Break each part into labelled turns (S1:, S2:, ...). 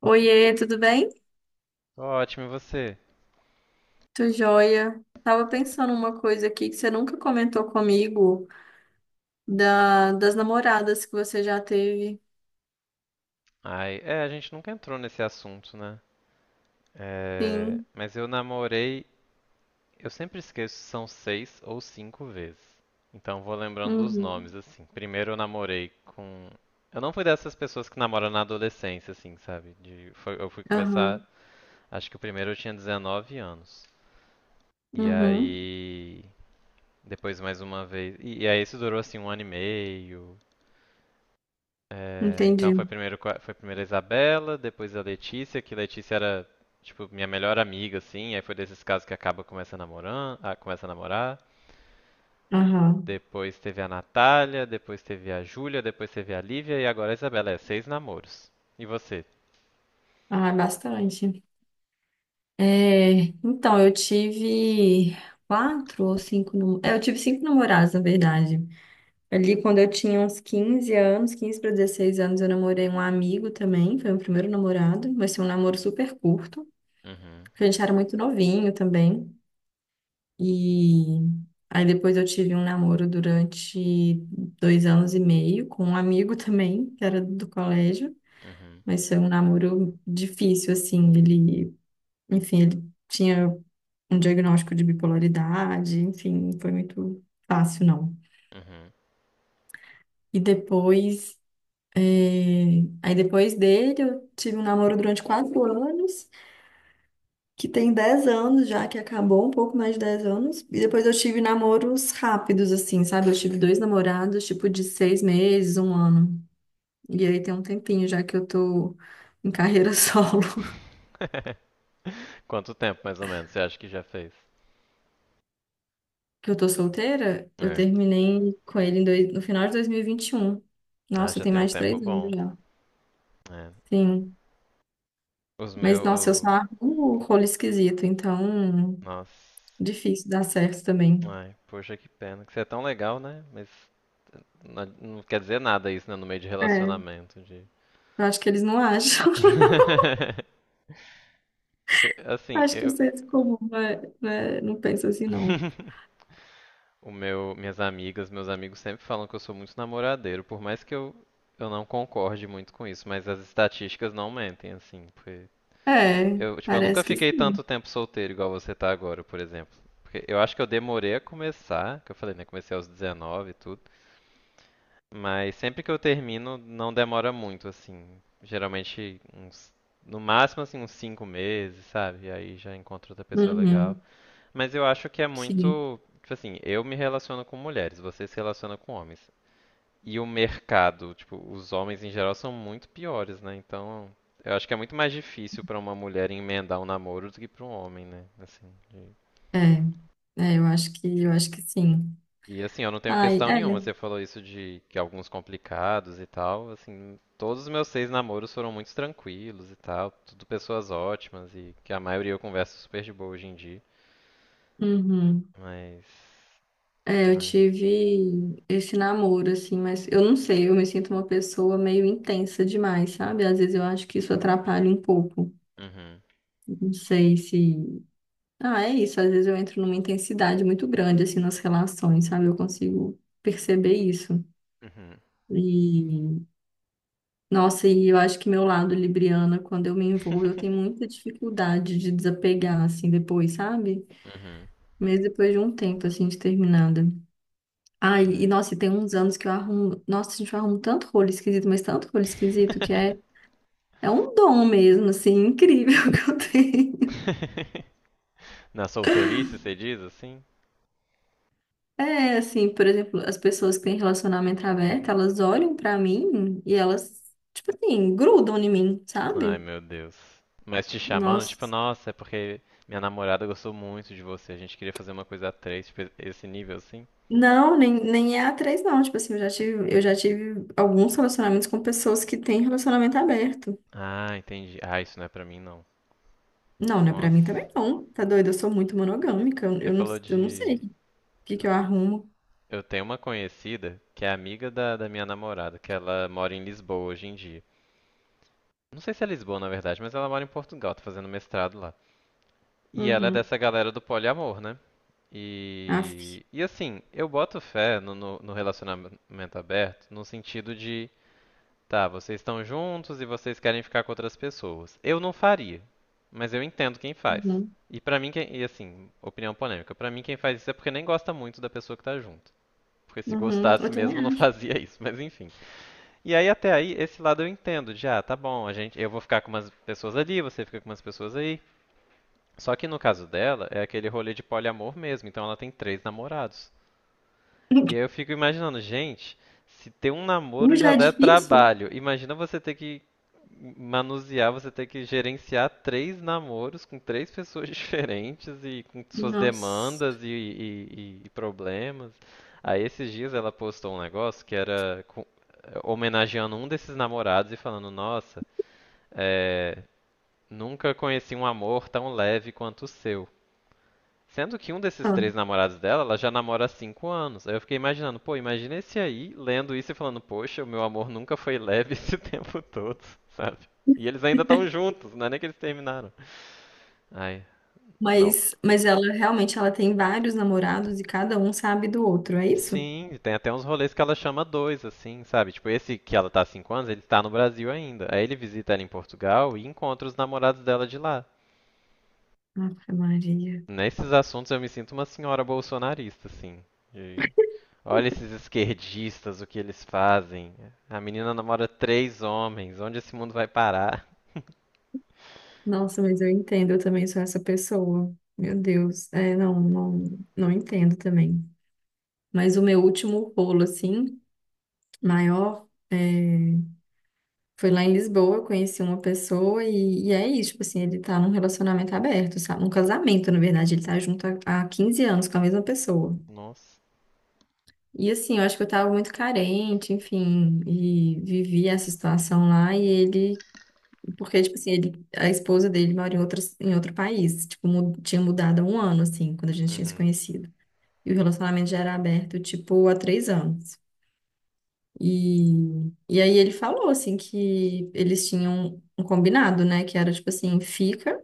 S1: Oiê, tudo bem?
S2: Tô ótimo, e você?
S1: Tô joia. Tava pensando uma coisa aqui que você nunca comentou comigo das namoradas que você já teve.
S2: Ai, é, a gente nunca entrou nesse assunto, né? É,
S1: Sim.
S2: mas eu namorei, eu sempre esqueço se são seis ou cinco vezes. Então vou lembrando dos
S1: Uhum.
S2: nomes, assim. Primeiro eu namorei com. Eu não fui dessas pessoas que namoram na adolescência, assim, sabe? Eu fui começar,
S1: Aham.
S2: acho que o primeiro eu tinha 19 anos. E
S1: Uhum.
S2: aí. Depois mais uma vez. E aí isso durou assim um ano e meio. É, então
S1: Entendi.
S2: foi primeiro a Isabela, depois a Letícia, que Letícia era tipo minha melhor amiga assim, aí foi desses casos que acaba começa a namorar, ah, começa a namorar.
S1: Aham.
S2: Depois teve a Natália, depois teve a Júlia, depois teve a Lívia e agora a Isabela, é seis namoros. E você?
S1: Ah, bastante. É, então, eu tive quatro ou cinco. É, eu tive cinco namorados, na verdade. Ali, quando eu tinha uns 15 anos, 15 para 16 anos, eu namorei um amigo também. Foi meu primeiro namorado, mas foi um namoro super curto.
S2: Uhum.
S1: Porque a gente era muito novinho também. E aí depois eu tive um namoro durante dois anos e meio com um amigo também, que era do colégio.
S2: Uhum.
S1: Mas foi um namoro difícil, assim. Ele, enfim, ele tinha um diagnóstico de bipolaridade, enfim, não foi muito fácil, não.
S2: Uhum.
S1: E depois, aí depois dele eu tive um namoro durante quatro anos, que tem 10 anos já, que acabou, um pouco mais de 10 anos. E depois eu tive namoros rápidos, assim, sabe? Eu tive dois namorados, tipo, de seis meses, um ano. E aí tem um tempinho já que eu tô em carreira solo,
S2: Quanto tempo mais ou menos você acha que já fez?
S1: que eu tô solteira. Eu
S2: É.
S1: terminei com ele em no final de dois mil e vinte e um.
S2: Ah,
S1: Nossa,
S2: já
S1: tem
S2: tem um
S1: mais de
S2: tempo
S1: três anos
S2: bom.
S1: já.
S2: É.
S1: Sim.
S2: Os
S1: Mas, nossa, eu só
S2: meus.
S1: arrumo rolo esquisito, então
S2: Nossa.
S1: difícil dar certo também.
S2: Ai, poxa, que pena. Que você é tão legal, né? Não, não quer dizer nada isso, né? No meio de
S1: É, eu
S2: relacionamento. De.
S1: acho que eles não acham.
S2: Porque, assim,
S1: Acho que o
S2: eu.
S1: senso comum não, não pensa assim, não.
S2: O meu, minhas amigas, meus amigos sempre falam que eu sou muito namoradeiro, por mais que eu não concorde muito com isso, mas as estatísticas não mentem, assim, porque
S1: É,
S2: eu, tipo, eu nunca
S1: parece que
S2: fiquei
S1: sim.
S2: tanto tempo solteiro igual você tá agora, por exemplo. Porque eu acho que eu demorei a começar, que eu falei, né, comecei aos 19 e tudo. Mas sempre que eu termino, não demora muito, assim. Geralmente uns, no máximo assim uns 5 meses, sabe? E aí já encontro outra pessoa legal.
S1: Uhum,
S2: Mas eu acho que é
S1: sim.
S2: muito, tipo assim, eu me relaciono com mulheres, você se relaciona com homens. E o mercado, tipo, os homens em geral são muito piores, né? Então, eu acho que é muito mais difícil pra uma mulher emendar um namoro do que pra um homem, né? Assim, de.
S1: É, é, eu acho que sim.
S2: E assim, eu não tenho
S1: Ai,
S2: questão nenhuma.
S1: é.
S2: Você falou isso de que alguns complicados e tal. Assim, todos os meus seis namoros foram muito tranquilos e tal. Tudo pessoas ótimas e que a maioria eu converso super de boa hoje em dia.
S1: Uhum.
S2: Mas.
S1: É, eu
S2: É.
S1: tive esse namoro, assim, mas eu não sei, eu me sinto uma pessoa meio intensa demais, sabe? Às vezes eu acho que isso atrapalha um pouco.
S2: Uhum.
S1: Não sei se. Ah, é isso. Às vezes eu entro numa intensidade muito grande, assim, nas relações, sabe? Eu consigo perceber isso.
S2: Uhum.
S1: E nossa, e eu acho que meu lado libriana, quando eu me envolvo, eu tenho muita dificuldade de desapegar, assim, depois, sabe?
S2: Uhum.
S1: Mesmo depois de um tempo, assim, de terminada. Ai, e
S2: É.
S1: nossa, e tem uns anos que eu arrumo. Nossa, a gente arruma tanto rolo esquisito, mas tanto rolo esquisito que é, é um dom mesmo, assim, incrível que eu tenho.
S2: Na solteirice, você diz assim?
S1: É, assim, por exemplo, as pessoas que têm relacionamento aberto, elas olham pra mim e elas, tipo assim, grudam em mim,
S2: Ai,
S1: sabe?
S2: meu Deus. Mas te chamando, tipo,
S1: Nossa.
S2: nossa, é porque minha namorada gostou muito de você. A gente queria fazer uma coisa a três, tipo, esse nível assim.
S1: Não, nem é a três não. Tipo assim, eu já tive alguns relacionamentos com pessoas que têm relacionamento aberto.
S2: Ah, entendi. Ah, isso não é pra mim, não.
S1: Não, não é pra mim
S2: Nossa.
S1: também não. Tá doido? Eu sou muito monogâmica.
S2: Você falou
S1: Eu não sei
S2: de.
S1: que eu arrumo.
S2: Eu tenho uma conhecida que é amiga da minha namorada, que ela mora em Lisboa hoje em dia. Não sei se é Lisboa, na verdade, mas ela mora em Portugal, tá fazendo mestrado lá. E ela é
S1: Uhum.
S2: dessa galera do poliamor, né?
S1: Aff.
S2: E assim, eu boto fé no relacionamento aberto no sentido de. Tá, vocês estão juntos e vocês querem ficar com outras pessoas. Eu não faria, mas eu entendo quem faz.
S1: Uhum.
S2: E pra mim, quem, e assim, opinião polêmica, pra mim quem faz isso é porque nem gosta muito da pessoa que tá junto. Porque se
S1: Uhum.
S2: gostasse
S1: Eu também
S2: mesmo não
S1: acho.
S2: fazia isso, mas enfim. E aí até aí esse lado eu entendo, de ah, tá bom, a gente, eu vou ficar com umas pessoas ali, você fica com umas pessoas aí. Só que no caso dela é aquele rolê de poliamor mesmo, então ela tem três namorados. E aí eu fico imaginando, gente, se ter um
S1: Um
S2: namoro já
S1: já é
S2: der
S1: difícil.
S2: trabalho, imagina você ter que manusear, você ter que gerenciar três namoros com três pessoas diferentes e com suas
S1: Nossa.
S2: demandas e problemas. Aí esses dias ela postou um negócio que era homenageando um desses namorados e falando, nossa, é, nunca conheci um amor tão leve quanto o seu. Sendo que um desses
S1: Ah,
S2: três namorados dela, ela já namora há 5 anos. Aí eu fiquei imaginando, pô, imagina esse aí lendo isso e falando, poxa, o meu amor nunca foi leve esse tempo todo, sabe? E eles ainda estão juntos, não é nem que eles terminaram. Ai, não.
S1: mas, ela realmente ela tem vários namorados e cada um sabe do outro, é isso?
S2: Sim, tem até uns rolês que ela chama dois, assim, sabe? Tipo, esse que ela tá há 5 anos, ele tá no Brasil ainda. Aí ele visita ela em Portugal e encontra os namorados dela de lá.
S1: Ave Maria.
S2: Nesses assuntos eu me sinto uma senhora bolsonarista, assim. De Olha esses esquerdistas, o que eles fazem. A menina namora três homens. Onde esse mundo vai parar?
S1: Nossa, mas eu entendo, eu também sou essa pessoa. Meu Deus, é, não, não entendo também. Mas o meu último rolo, assim, maior, é, foi lá em Lisboa, eu conheci uma pessoa e é isso, tipo assim, ele tá num relacionamento aberto, sabe? Um casamento, na verdade, ele tá junto há 15 anos com a mesma pessoa.
S2: Nossa.
S1: E assim, eu acho que eu tava muito carente, enfim, e vivi essa situação lá e ele. Porque, tipo assim, ele, a esposa dele mora em outro país. Tipo, tinha mudado há um ano, assim, quando a gente tinha se
S2: Uhum.
S1: conhecido. E o relacionamento já era aberto, tipo, há três anos. E, e aí ele falou, assim, que eles tinham um combinado, né? Que era, tipo assim, fica,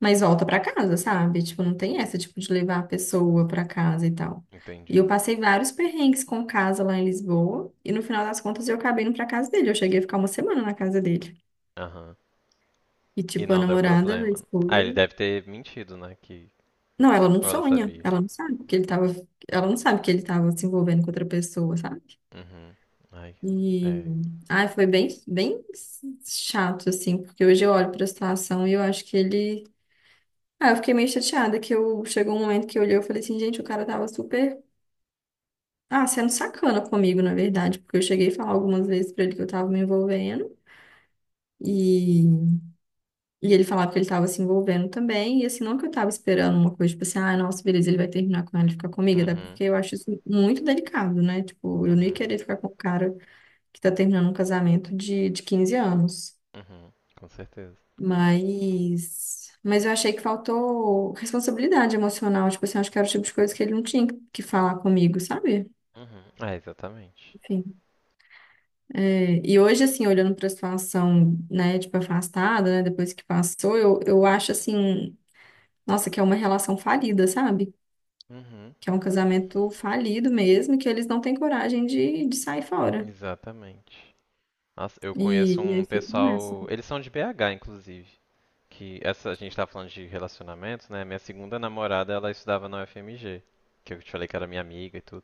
S1: mas volta pra casa, sabe? Tipo, não tem essa, tipo, de levar a pessoa pra casa e tal. E eu
S2: Entendi.
S1: passei vários perrengues com casa lá em Lisboa. E no final das contas, eu acabei indo pra casa dele. Eu cheguei a ficar uma semana na casa dele.
S2: Aham.
S1: E,
S2: E
S1: tipo, a
S2: não deu
S1: namorada, a
S2: problema. Ah,
S1: esposa.
S2: ele deve ter mentido, né? Que
S1: Não, ela não
S2: Ou ela
S1: sonha,
S2: sabia.
S1: ela não sabe que ele tava se envolvendo com outra pessoa, sabe?
S2: Uhum. Ai,
S1: E
S2: é.
S1: ai, foi bem, bem chato, assim, porque hoje eu olho pra situação e eu acho que ele. Ah, eu fiquei meio chateada que eu chegou um momento que eu olhei e falei assim, gente, o cara tava super, ah, sendo sacana comigo, na verdade, porque eu cheguei a falar algumas vezes pra ele que eu tava me envolvendo. e E ele falava que ele estava se envolvendo também, e assim, não que eu estava esperando uma coisa, tipo assim, ah, nossa, beleza, ele vai terminar com ela e ficar comigo, até
S2: Uhum.
S1: porque eu acho isso muito delicado, né? Tipo, eu não ia
S2: Uhum.
S1: querer ficar com o cara que tá terminando um casamento de 15 anos.
S2: Uhum. Com certeza.
S1: Mas, eu achei que faltou responsabilidade emocional, tipo assim, acho que era o tipo de coisa que ele não tinha que falar comigo, sabe?
S2: Uhum. Ah, exatamente.
S1: Enfim. É, e hoje, assim, olhando para a situação, né, tipo, afastada, né, depois que passou, eu acho, assim, nossa, que é uma relação falida, sabe?
S2: Uhum.
S1: Que é um casamento falido mesmo, e que eles não têm coragem de sair fora.
S2: Exatamente. Nossa, eu conheço
S1: E
S2: um
S1: aí ficam nessa.
S2: pessoal. Eles são de BH, inclusive. Que essa a gente tá falando de relacionamentos, né? Minha segunda namorada, ela estudava na UFMG, que eu te falei que era minha amiga e tudo.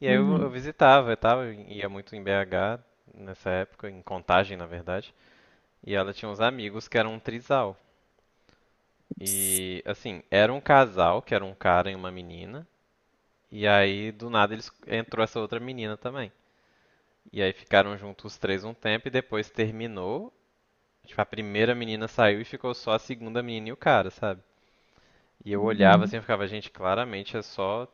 S2: E aí eu,
S1: Uhum.
S2: visitava e tal, eu ia muito em BH nessa época, em Contagem, na verdade. E ela tinha uns amigos que eram um trisal. E assim, era um casal, que era um cara e uma menina, e aí do nada eles entrou essa outra menina também. E aí ficaram juntos os três um tempo e depois terminou. Tipo, a primeira menina saiu e ficou só a segunda menina e o cara, sabe? E eu olhava assim
S1: Uhum.
S2: e ficava, gente, claramente é só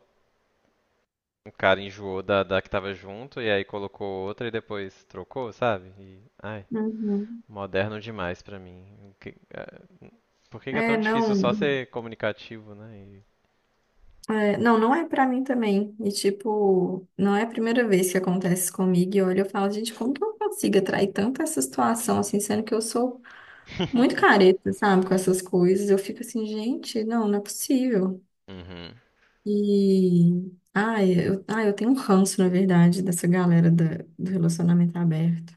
S2: um cara enjoou da que tava junto e aí colocou outra e depois trocou, sabe? E, ai,
S1: Uhum.
S2: moderno demais pra mim. Por que que é tão
S1: É,
S2: difícil
S1: não,
S2: só ser comunicativo, né?
S1: é, não, não é pra mim também. E tipo, não é a primeira vez que acontece isso comigo. E olha, eu falo, gente, como que eu consigo atrair tanto essa situação assim, sendo que eu sou muito careta, sabe, com essas coisas. Eu fico assim, gente, não, não é possível.
S2: Uhum.
S1: E. Ah, eu tenho um ranço, na verdade, do relacionamento aberto.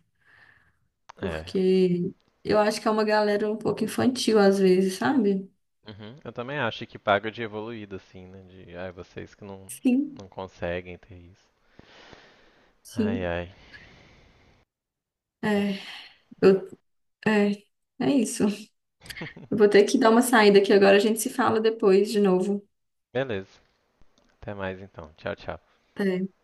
S2: É.
S1: Porque eu acho que é uma galera um pouco infantil, às vezes, sabe?
S2: Uhum. Eu também acho que paga de evoluído, assim, né? De, ai, vocês que não,
S1: Sim,
S2: não conseguem ter isso. Ai,
S1: sim.
S2: ai. Aqui.
S1: É, eu, é, é isso. Eu vou ter que dar uma saída aqui agora, a gente se fala depois de novo.
S2: Beleza. Até mais então. Tchau, tchau.
S1: É.